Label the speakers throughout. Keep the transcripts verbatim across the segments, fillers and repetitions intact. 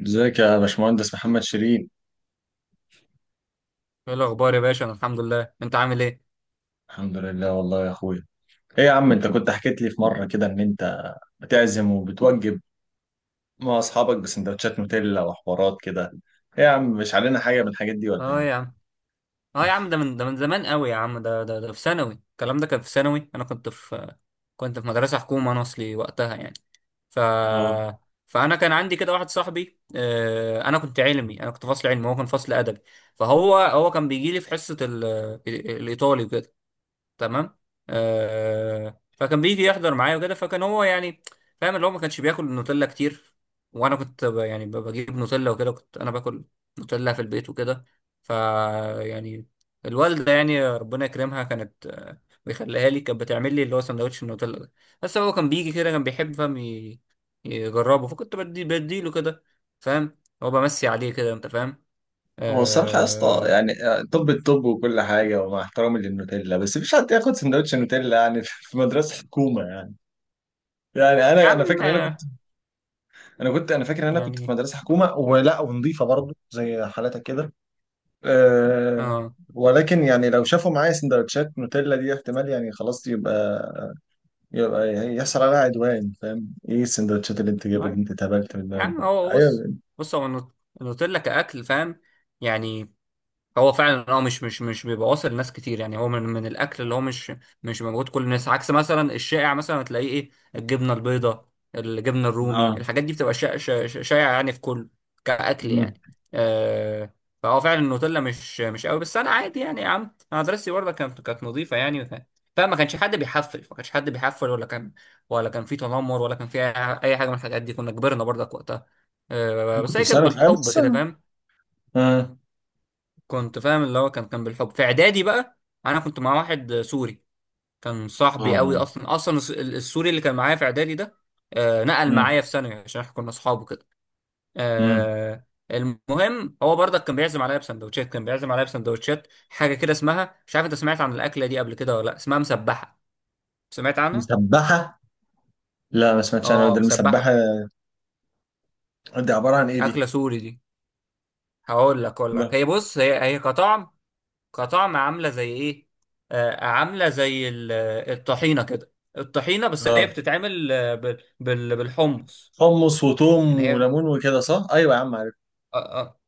Speaker 1: ازيك يا باشمهندس محمد شيرين؟
Speaker 2: ايه الاخبار يا باشا؟ انا الحمد لله، انت عامل ايه؟
Speaker 1: الحمد لله والله يا اخويا. ايه يا عم، انت كنت حكيت لي في مره كده ان انت بتعزم وبتوجب مع اصحابك بسندوتشات نوتيلا وحوارات كده. ايه يا عم، مش علينا حاجه من الحاجات دي ولا
Speaker 2: اه يا
Speaker 1: ايه؟
Speaker 2: عم، اه يا عم، ده من ده من زمان قوي يا عم، ده ده, ده في ثانوي، الكلام ده كان في ثانوي. انا كنت في كنت في مدرسه حكومه انا اصلي وقتها يعني. ف
Speaker 1: اه.
Speaker 2: فانا كان عندي كده واحد صاحبي، آه، انا كنت علمي، انا كنت فصل علمي وهو كان فصل ادبي. فهو هو كان بيجي لي في حصه ال- الايطالي وكده، تمام. آه، فكان بيجي يحضر معايا وكده، فكان هو يعني فاهم اللي هو ما كانش بياكل نوتيلا كتير، وانا كنت ب- يعني ب- بجيب نوتيلا وكده، كنت انا باكل نوتيلا في البيت وكده. ف يعني الوالده يعني ربنا يكرمها كانت، آه، بيخليها لي، كانت بتعمل لي اللي هو سندوتش النوتيلا ده. بس هو كان بيجي كده، كان بيحب فاهم ي- يجربه، فكنت بدي بديله كده، فاهم، هو بمسي عليه كده، انت فاهم؟
Speaker 1: هو الصراحه يا اسطى،
Speaker 2: آه
Speaker 1: يعني آه، طب الطب وكل حاجه، ومع احترامي للنوتيلا بس مش حد ياخد سندوتش نوتيلا يعني في مدرسه حكومه يعني. يعني
Speaker 2: يا
Speaker 1: انا انا فاكر
Speaker 2: عم،
Speaker 1: ان انا كنت
Speaker 2: آه،
Speaker 1: انا كنت انا فاكر ان انا كنت في
Speaker 2: يعني
Speaker 1: مدرسه حكومه ولا ونظيفه برضه زي حالتك كده. أه.
Speaker 2: اه
Speaker 1: ولكن يعني لو شافوا معايا سندوتشات نوتيلا دي احتمال يعني خلاص يبقى يبقى يحصل عليها عدوان. فاهم ايه السندوتشات اللي انت جايبها دي؟ انت اتهبلت
Speaker 2: يا
Speaker 1: منها
Speaker 2: عم،
Speaker 1: ده.
Speaker 2: هو بص،
Speaker 1: ايوه.
Speaker 2: بص هو النوت- النوتيلا كأكل، فاهم يعني، هو فعلا اه مش مش مش بيبقى واصل لناس كتير يعني، هو من من الاكل اللي هو مش مش موجود كل الناس، عكس مثلا الشائع مثلا هتلاقيه ايه، الجبنه البيضاء، الجبنه
Speaker 1: اه.
Speaker 2: الرومي، الحاجات دي بتبقى شا- شا- شا- شائعه يعني في كل كاكل
Speaker 1: مم.
Speaker 2: يعني. آه، فهو فعلا النوتيلا مش مش قوي، بس انا عادي يعني يا عم، انا مدرستي برضه كانت كانت نظيفه يعني، ف- فما كانش حد بيحفل، ما كانش حد بيحفل ولا كان ولا كان في تنمر ولا كان في اي أي حاجه من الحاجات دي. كنا كبرنا برضك وقتها، آه،
Speaker 1: ممكن
Speaker 2: بس هي
Speaker 1: بس
Speaker 2: كانت
Speaker 1: انا تسبح فاهم
Speaker 2: بالحب
Speaker 1: بس
Speaker 2: كده،
Speaker 1: أنا-
Speaker 2: فاهم؟
Speaker 1: مم.
Speaker 2: كنت فاهم اللي هو كان كان بالحب. في اعدادي بقى انا كنت مع واحد سوري، كان صاحبي قوي
Speaker 1: اه.
Speaker 2: اصلا، اصلا الس- السوري اللي كان معايا في اعدادي ده، آه، نقل
Speaker 1: مم.
Speaker 2: معايا في ثانوي عشان احنا كنا اصحاب وكده.
Speaker 1: مم.
Speaker 2: آه، المهم هو برضك كان بيعزم عليا بسندوتشات، كان بيعزم عليا بسندوتشات حاجه كده اسمها، مش عارف انت سمعت عن الاكله دي قبل كده ولا لا، اسمها مسبحه، سمعت عنها؟
Speaker 1: مسبحة. لا ما سمعتش انا،
Speaker 2: اه
Speaker 1: ده المسبحة
Speaker 2: مسبحه،
Speaker 1: دي عبارة عن ايه دي؟
Speaker 2: اكله سوري دي. هقول لك اقول لك
Speaker 1: لا.
Speaker 2: هي، بص هي، هي كطعم، كطعم عامله زي ايه، آه عامله زي ال- آه، الطحينه كده، الطحينه بس هي
Speaker 1: اه،
Speaker 2: بتتعمل، آه، بال- بال- بالحمص،
Speaker 1: حمص وتوم
Speaker 2: يعني هي،
Speaker 1: وليمون وكده صح؟ ايوه يا عم عارف.
Speaker 2: آه، آه،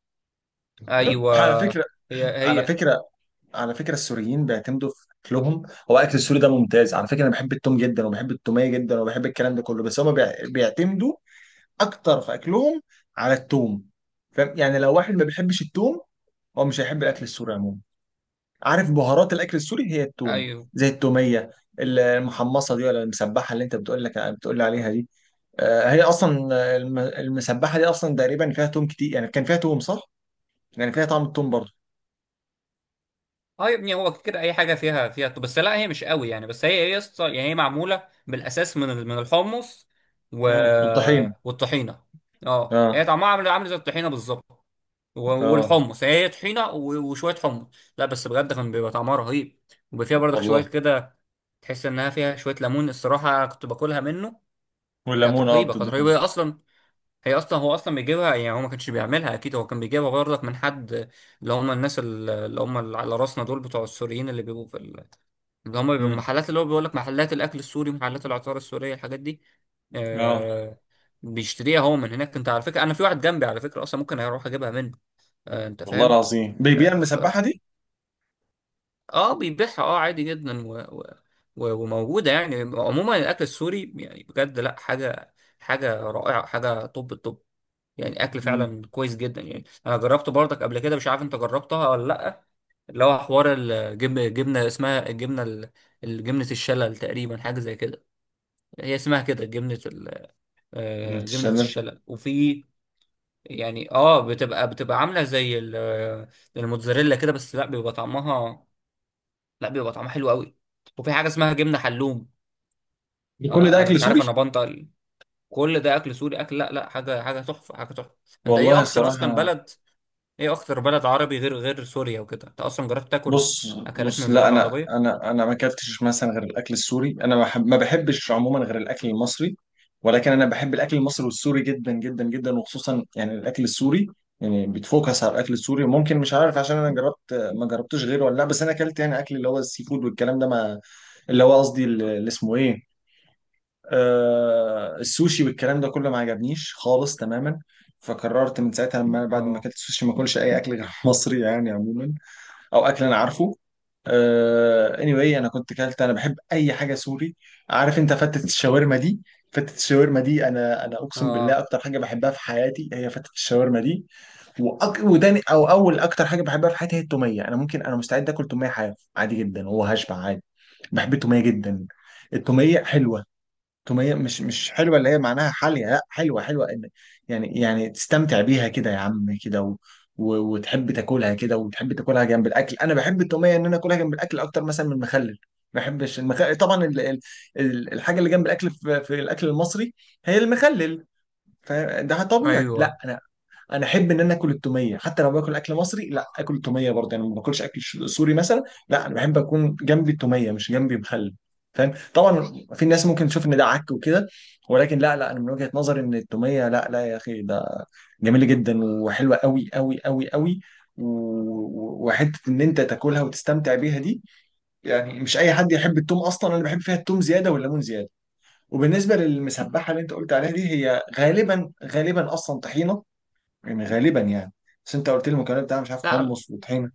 Speaker 2: ايوه،
Speaker 1: على فكرة
Speaker 2: هي
Speaker 1: على
Speaker 2: هي،
Speaker 1: فكرة على فكرة السوريين بيعتمدوا في أكلهم. هو أكل السوري ده ممتاز على فكرة، أنا بحب التوم جدا وبحب التومية جدا وبحب الكلام ده كله، بس هما بيع- بيعتمدوا أكتر في أكلهم على التوم. فاهم يعني لو واحد ما بيحبش التوم، هو مش هيحب الأكل السوري عموما. عارف بهارات الأكل السوري هي التوم،
Speaker 2: ايوه.
Speaker 1: زي التومية. المحمصة دي ولا المسبحة اللي أنت بتقول لك بتقول لي عليها دي آه، هي أصلا، آه، الم- المسبحة دي أصلا تقريبا فيها توم كتير، يعني كان فيها توم صح؟ يعني فيها طعم التوم برضه.
Speaker 2: اه يا ابني، هو كده اي حاجه فيها فيها بس، لا هي مش قوي يعني، بس هي هي يسطا- يعني هي معموله بالاساس من ال- من الحمص و...
Speaker 1: مم. والطحين.
Speaker 2: والطحينه. اه
Speaker 1: اه.
Speaker 2: هي طعمها عامل عامل زي الطحينه بالظبط، و-
Speaker 1: اه.
Speaker 2: والحمص، هي هي طحينه و- وشويه حمص، لا بس بجد كان بيبقى طعمها رهيب، وبيبقى فيها برضك شويه
Speaker 1: والله.
Speaker 2: كده تحس انها فيها شويه ليمون، الصراحه كنت باكلها منه، كانت
Speaker 1: والليمون اه،
Speaker 2: رهيبه، كانت رهيبه.
Speaker 1: بتضيفها.
Speaker 2: هي اصلا، هي اصلا هو اصلا بيجيبها يعني، هو ما كانش بيعملها اكيد، هو كان بيجيبها برضك من حد، اللي هم الناس ال- اللي هم اللي على راسنا دول، بتوع السوريين اللي بيبقوا في ال- اللي هم بيبقوا
Speaker 1: امم.
Speaker 2: محلات، اللي هو بيقول لك محلات الاكل السوري، محلات العطار السوريه، الحاجات دي،
Speaker 1: اه،
Speaker 2: آه، بيشتريها هو من هناك. انت على فكره انا في واحد جنبي على فكره اصلا، ممكن اروح اجيبها منه، آه، انت
Speaker 1: والله
Speaker 2: فاهم.
Speaker 1: العظيم بيبيع
Speaker 2: آه ف
Speaker 1: المسبحه دي؟
Speaker 2: اه بيبيعها، اه عادي جدا و... و... و- وموجودة يعني. عموما الأكل السوري يعني بجد لا حاجة، حاجة رائعة، حاجة طب الطب، يعني أكل
Speaker 1: امم.
Speaker 2: فعلا كويس جدا. يعني أنا جربته برضك قبل كده، مش عارف أنت جربتها ولا لأ، اللي هو حوار الجبن، جبنة اسمها الجبنة ال- الجبنة الشلل تقريبا، حاجة زي كده، هي اسمها كده جبنة ال...
Speaker 1: ابنة
Speaker 2: آه، جبنة
Speaker 1: الشلال.
Speaker 2: الشلل. وفي يعني اه بتبقى بتبقى عاملة زي ال- آه، الموتزاريلا كده، بس لا بيبقى طعمها لا بيبقى طعمها حلو قوي، وفي حاجه اسمها جبنه حلوم،
Speaker 1: ده كل ده
Speaker 2: آه انا
Speaker 1: اكل
Speaker 2: مش
Speaker 1: سوري؟
Speaker 2: عارف انا بنطق. كل ده اكل سوري، اكل لا لا، حاجه، حاجه تحفه، حاجه تحفه. انت ايه
Speaker 1: والله
Speaker 2: اكتر اصلا
Speaker 1: الصراحه.
Speaker 2: بلد ايه اكتر بلد عربي غير غير سوريا وكده، انت اصلا جربت تاكل
Speaker 1: بص
Speaker 2: اكلات
Speaker 1: بص،
Speaker 2: من
Speaker 1: لا
Speaker 2: بلاد
Speaker 1: انا
Speaker 2: عربيه؟
Speaker 1: انا انا ما اكلتش مثلا غير الاكل السوري، انا ما بحب- ما بحبش عموما غير الاكل المصري. ولكن انا بحب الاكل المصري والسوري جدا جدا جدا، وخصوصا يعني الاكل السوري. يعني بتفوكس على الاكل السوري، ممكن مش عارف عشان انا جربت ما جربتوش غيره ولا لا. بس انا اكلت يعني اكل اللي هو السي فود والكلام ده، ما اللي هو قصدي اللي اللي اسمه ايه، آه، السوشي والكلام ده كله ما عجبنيش خالص تماما. فقررت من ساعتها لما بعد ما
Speaker 2: اه،
Speaker 1: اكلت السوشي ما اكلش اي اكل غير مصري يعني عموما، او اكل انا عارفه. آه anyway انا كنت كلت انا بحب اي حاجه سوري. عارف انت فتة الشاورما دي؟ فتة الشاورما دي انا انا اقسم بالله
Speaker 2: اه،
Speaker 1: اكتر حاجه بحبها في حياتي هي فتة الشاورما دي. وأك... وتاني او اول اكتر حاجه بحبها في حياتي هي التوميه. انا ممكن انا مستعد اكل توميه حاف عادي جدا وهشبع عادي. بحب التوميه جدا. التوميه حلوه. تومية مش مش حلوة اللي هي معناها حالية، لا حلوة حلوة إن- يعني يعني تستمتع بيها كده يا عم كده، و... و... وتحب تاكلها كده، وتحب تاكلها جنب الاكل. انا بحب التومية ان انا اكلها جنب الاكل اكتر مثلا من المخلل. ما بحبش المخلل طبعا، ال... ال... ال- الحاجة اللي جنب الاكل في... في الاكل المصري هي المخلل. فده طبيعي، لا
Speaker 2: ايوه.
Speaker 1: انا انا احب ان انا اكل التوميه حتى لو باكل اكل مصري، لا اكل التوميه برضه، يعني ما باكلش اكل ش- سوري مثلا. لا انا بحب اكون جنبي التوميه مش جنبي مخلل. فاهم طبعا. في ناس ممكن تشوف ان ده عك وكده، ولكن لا لا، انا من وجهه نظري ان التوميه، لا لا يا اخي، ده جميله جدا وحلوه قوي قوي قوي قوي. و- وحته ان انت تاكلها وتستمتع بيها دي. يعني مش اي حد يحب التوم اصلا، انا بحب فيها التوم زياده والليمون زياده. وبالنسبه للمسبحه اللي انت قلت عليها دي، هي غالبا غالبا اصلا طحينه يعني، غالبا يعني. بس انت قلت لي المكونات بتاعها مش عارف
Speaker 2: لا
Speaker 1: حمص وطحينه.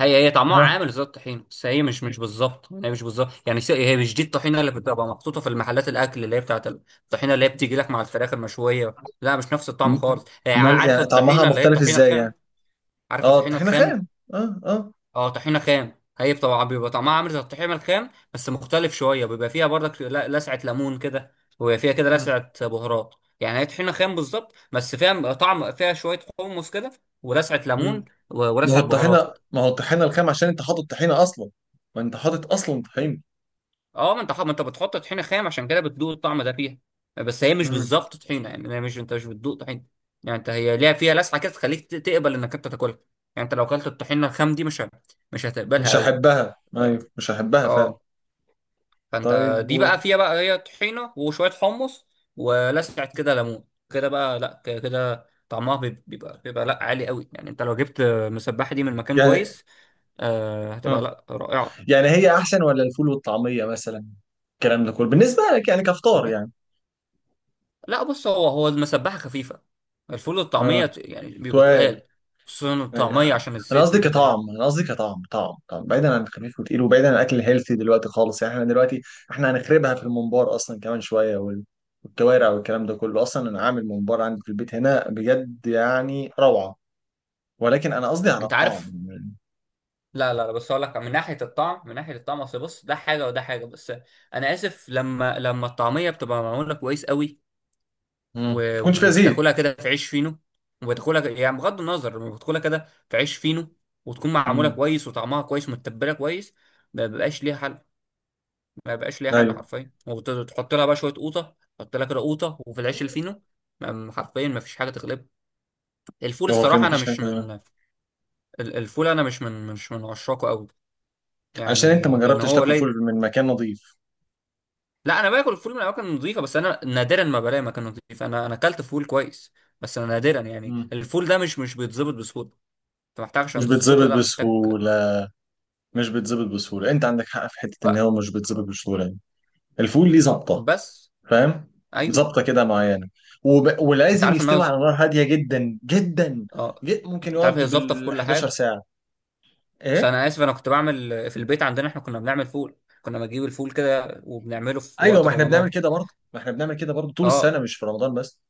Speaker 2: هي هي طعمها
Speaker 1: ها.
Speaker 2: عامل زي الطحين، بس هي مش مش بالظبط، هي مش بالظبط يعني، س- هي مش دي الطحينه اللي بتبقى محطوطه في المحلات، الاكل اللي هي بتاعت الطحينه اللي هي بتيجي لك مع الفراخ المشويه، لا مش نفس الطعم خالص، هي ع-
Speaker 1: امال
Speaker 2: عارف
Speaker 1: يعني طعمها
Speaker 2: الطحينه اللي هي
Speaker 1: مختلف
Speaker 2: الطحينه
Speaker 1: ازاي يعني؟
Speaker 2: الخام، عارف
Speaker 1: اه
Speaker 2: الطحينة
Speaker 1: الطحينه
Speaker 2: الخام؟
Speaker 1: خام. اه، اه.
Speaker 2: اه طحينة خام، هي طبعا بيبقى طعمها عامل زي الطحينة الخام بس مختلف شوية، بيبقى فيها برضك ل- لسعة ليمون كده، وبيبقى فيها كده
Speaker 1: مم.
Speaker 2: لسعة بهارات، يعني هي طحينة خام بالظبط، بس فيها طعم، فيها شوية حمص كده ولسعة ليمون،
Speaker 1: مم.
Speaker 2: و-
Speaker 1: ما هو
Speaker 2: ولسعة بهارات
Speaker 1: الطحينه،
Speaker 2: كده.
Speaker 1: ما هو الطحينه الخام عشان انت حاطط طحينه اصلا. ما انت حاطط اصلا طحينه.
Speaker 2: اه، ما انت ح- ما انت بتحط طحينة خام، عشان كده بتدوق الطعم ده فيها، بس هي مش
Speaker 1: مم.
Speaker 2: بالظبط طحينة يعني، هي مش، انت مش بتدوق طحينة يعني، انت هي ليها فيها لسعة كده تخليك ت- تقبل انك انت تاكلها، يعني انت لو اكلت الطحينة الخام دي مش ه- مش هتقبلها
Speaker 1: مش
Speaker 2: قوي.
Speaker 1: هحبها،
Speaker 2: اه،
Speaker 1: ايوه مش هحبها فعلا.
Speaker 2: آه. فانت
Speaker 1: طيب
Speaker 2: دي
Speaker 1: و...
Speaker 2: بقى فيها بقى، هي طحينه وشويه حمص ولسعه كده ليمون كده بقى، لا ك- كده طعمها بيب- بيبقى بيبقى لا عالي قوي، يعني انت لو جبت مسبحه دي من مكان
Speaker 1: يعني
Speaker 2: كويس، آه هتبقى
Speaker 1: اه،
Speaker 2: لا رائعه.
Speaker 1: يعني هي احسن ولا الفول والطعميه مثلا؟ الكلام ده كله بالنسبه لك يعني كفطار
Speaker 2: لا
Speaker 1: يعني.
Speaker 2: لا، بص هو، هو المسبحه خفيفه، الفول والطعميه
Speaker 1: اه.
Speaker 2: ت- يعني بيبقوا
Speaker 1: سؤال.
Speaker 2: تقال، خصوصا الطعميه
Speaker 1: يعني
Speaker 2: عشان
Speaker 1: انا
Speaker 2: الزيت
Speaker 1: قصدي
Speaker 2: وكده يعني،
Speaker 1: كطعم، انا قصدي كطعم، طعم طعم، بعيدا عن الخفيف وتقيل، وبعيدا عن الاكل الهيلثي دلوقتي خالص، يعني احنا دلوقتي احنا هنخربها في الممبار اصلا كمان شويه، وال- والكوارع والكلام ده كله، اصلا انا عامل ممبار عندي في البيت هنا بجد يعني روعه. ولكن انا قصدي على
Speaker 2: انت
Speaker 1: الطعم
Speaker 2: عارف.
Speaker 1: يعني.
Speaker 2: لا لا لا، بس اقول لك من ناحيه الطعم، من ناحيه الطعم، اصل بص ده حاجه وده حاجه، بس انا اسف، لما لما الطعميه بتبقى معموله كويس قوي،
Speaker 1: مم. ما
Speaker 2: و-
Speaker 1: تكونش فيها زيت.
Speaker 2: وبتاكلها كده في عيش فينو، وبتاكلها يعني بغض النظر بتاكلها كده في عيش فينو، وتكون معموله
Speaker 1: مم.
Speaker 2: كويس وطعمها كويس، متبله كويس، ما بيبقاش ليها حل، ما بيبقاش ليها حل
Speaker 1: ايوه.
Speaker 2: حرفيا، وتحط لها بقى شويه قوطه، تحط لها كده قوطه وفي العيش الفينو، ما- حرفيا ما فيش حاجه تغلبها. الفول
Speaker 1: هو في
Speaker 2: الصراحه انا
Speaker 1: مفيش حاجه
Speaker 2: مش
Speaker 1: غيرها.
Speaker 2: من ال- الفول انا مش من، مش من عشاقه قوي،
Speaker 1: عشان انت ما
Speaker 2: يعني لان
Speaker 1: جربتش
Speaker 2: هو
Speaker 1: تاكل
Speaker 2: قليل.
Speaker 1: فول من مكان نظيف.
Speaker 2: لا انا باكل الفول من اماكن نظيفه، بس انا نادرا ما بلاقي مكان نظيف، انا انا اكلت فول كويس، بس انا نادرا يعني،
Speaker 1: مم.
Speaker 2: الفول ده مش مش بيتظبط بسهوله، انت محتاج عشان
Speaker 1: مش
Speaker 2: تظبطه
Speaker 1: بيتظبط
Speaker 2: لا محتاج
Speaker 1: بسهوله. مش بيتظبط بسهوله، انت عندك حق في حته ان
Speaker 2: بقى
Speaker 1: هو مش بيتظبط بسهوله يعني. الفول ليه ظبطه.
Speaker 2: بس،
Speaker 1: فاهم.
Speaker 2: ايوه.
Speaker 1: ظابطه كده معينه. وب...
Speaker 2: انت
Speaker 1: ولازم
Speaker 2: عارف ان
Speaker 1: يستوي
Speaker 2: أنا،
Speaker 1: على نار هاديه جدا جدا.
Speaker 2: اه
Speaker 1: جد ممكن
Speaker 2: انت عارف،
Speaker 1: يقعد
Speaker 2: هي ظابطه في
Speaker 1: بال
Speaker 2: كل
Speaker 1: حداشر
Speaker 2: حاجه.
Speaker 1: ساعه.
Speaker 2: بس
Speaker 1: ايه.
Speaker 2: انا اسف، انا كنت بعمل في البيت، عندنا احنا كنا بنعمل فول، كنا بنجيب الفول كده وبنعمله في
Speaker 1: ايوه
Speaker 2: وقت
Speaker 1: ما احنا بنعمل
Speaker 2: رمضان،
Speaker 1: كده برضه. ما احنا بنعمل كده برضه طول السنه
Speaker 2: اه،
Speaker 1: مش في رمضان بس.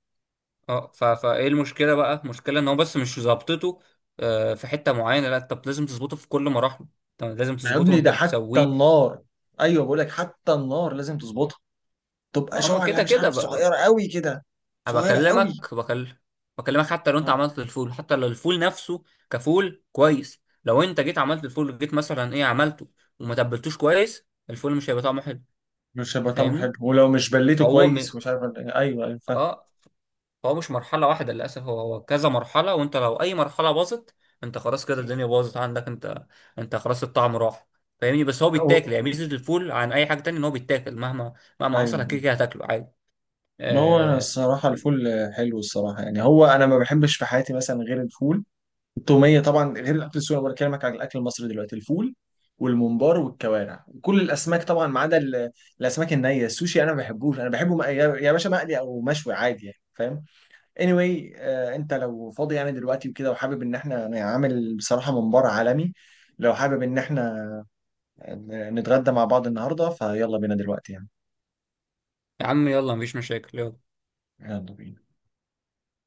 Speaker 2: اه. ف... فايه المشكله بقى؟ المشكله ان هو بس مش ظابطته، آه، في حته معينه، لا انت لازم تظبطه في كل مراحله، انت لازم
Speaker 1: ده يا
Speaker 2: تظبطه
Speaker 1: ابني
Speaker 2: وانت
Speaker 1: ده حتى
Speaker 2: بتسويه،
Speaker 1: النار. ايوه بقول لك حتى النار لازم تظبطها. تبقى
Speaker 2: اه ما
Speaker 1: شعله
Speaker 2: كده
Speaker 1: مش
Speaker 2: كده.
Speaker 1: عارف صغيره قوي كده.
Speaker 2: أنا
Speaker 1: صغيره قوي.
Speaker 2: بكلمك بكل بكلمك حتى لو انت
Speaker 1: مم.
Speaker 2: عملت الفول، حتى لو الفول نفسه كفول كويس، لو انت جيت عملت الفول جيت مثلا ايه عملته وما تبلتوش كويس، الفول مش هيبقى طعمه حلو.
Speaker 1: مش هيبقى
Speaker 2: أنت
Speaker 1: طعمه حلو،
Speaker 2: فاهمني؟
Speaker 1: ولو مش بليته
Speaker 2: فهو م...
Speaker 1: كويس ومش عارف، ايوه ايوه فاهم.
Speaker 2: اه فهو مش مرحله واحده للاسف، هو هو كذا مرحله، وانت لو اي مرحله باظت، انت خلاص كده، الدنيا باظت عندك انت، انت خلاص الطعم راح، فاهمني؟ بس هو
Speaker 1: و-
Speaker 2: بيتاكل يعني،
Speaker 1: و-
Speaker 2: ميزه الفول عن اي حاجه تانية ان هو بيتاكل، مهما مهما حصل
Speaker 1: ايوه.
Speaker 2: كده كده هتاكله عادي.
Speaker 1: ما هو انا
Speaker 2: آه...
Speaker 1: الصراحه الفول حلو الصراحه يعني، هو انا ما بحبش في حياتي مثلا غير الفول، التوميه طبعا، غير الاكل السوري. انا بكلمك عن الاكل المصري دلوقتي: الفول والممبار والكوارع، كل الاسماك طبعا ما عدا ال- الاسماك النيه، السوشي انا ما بحبوش. انا بحبه مق- يا يا باشا مقلي او مشوي عادي يعني فاهم. anyway آه انت لو فاضي يعني دلوقتي وكده، وحابب ان احنا نعمل بصراحه ممبار عالمي، لو حابب ان احنا نتغدى مع بعض النهارده فيلا بينا دلوقتي يعني.
Speaker 2: يا عم يلا، مفيش مشاكل، يلا.
Speaker 1: يلا بينا.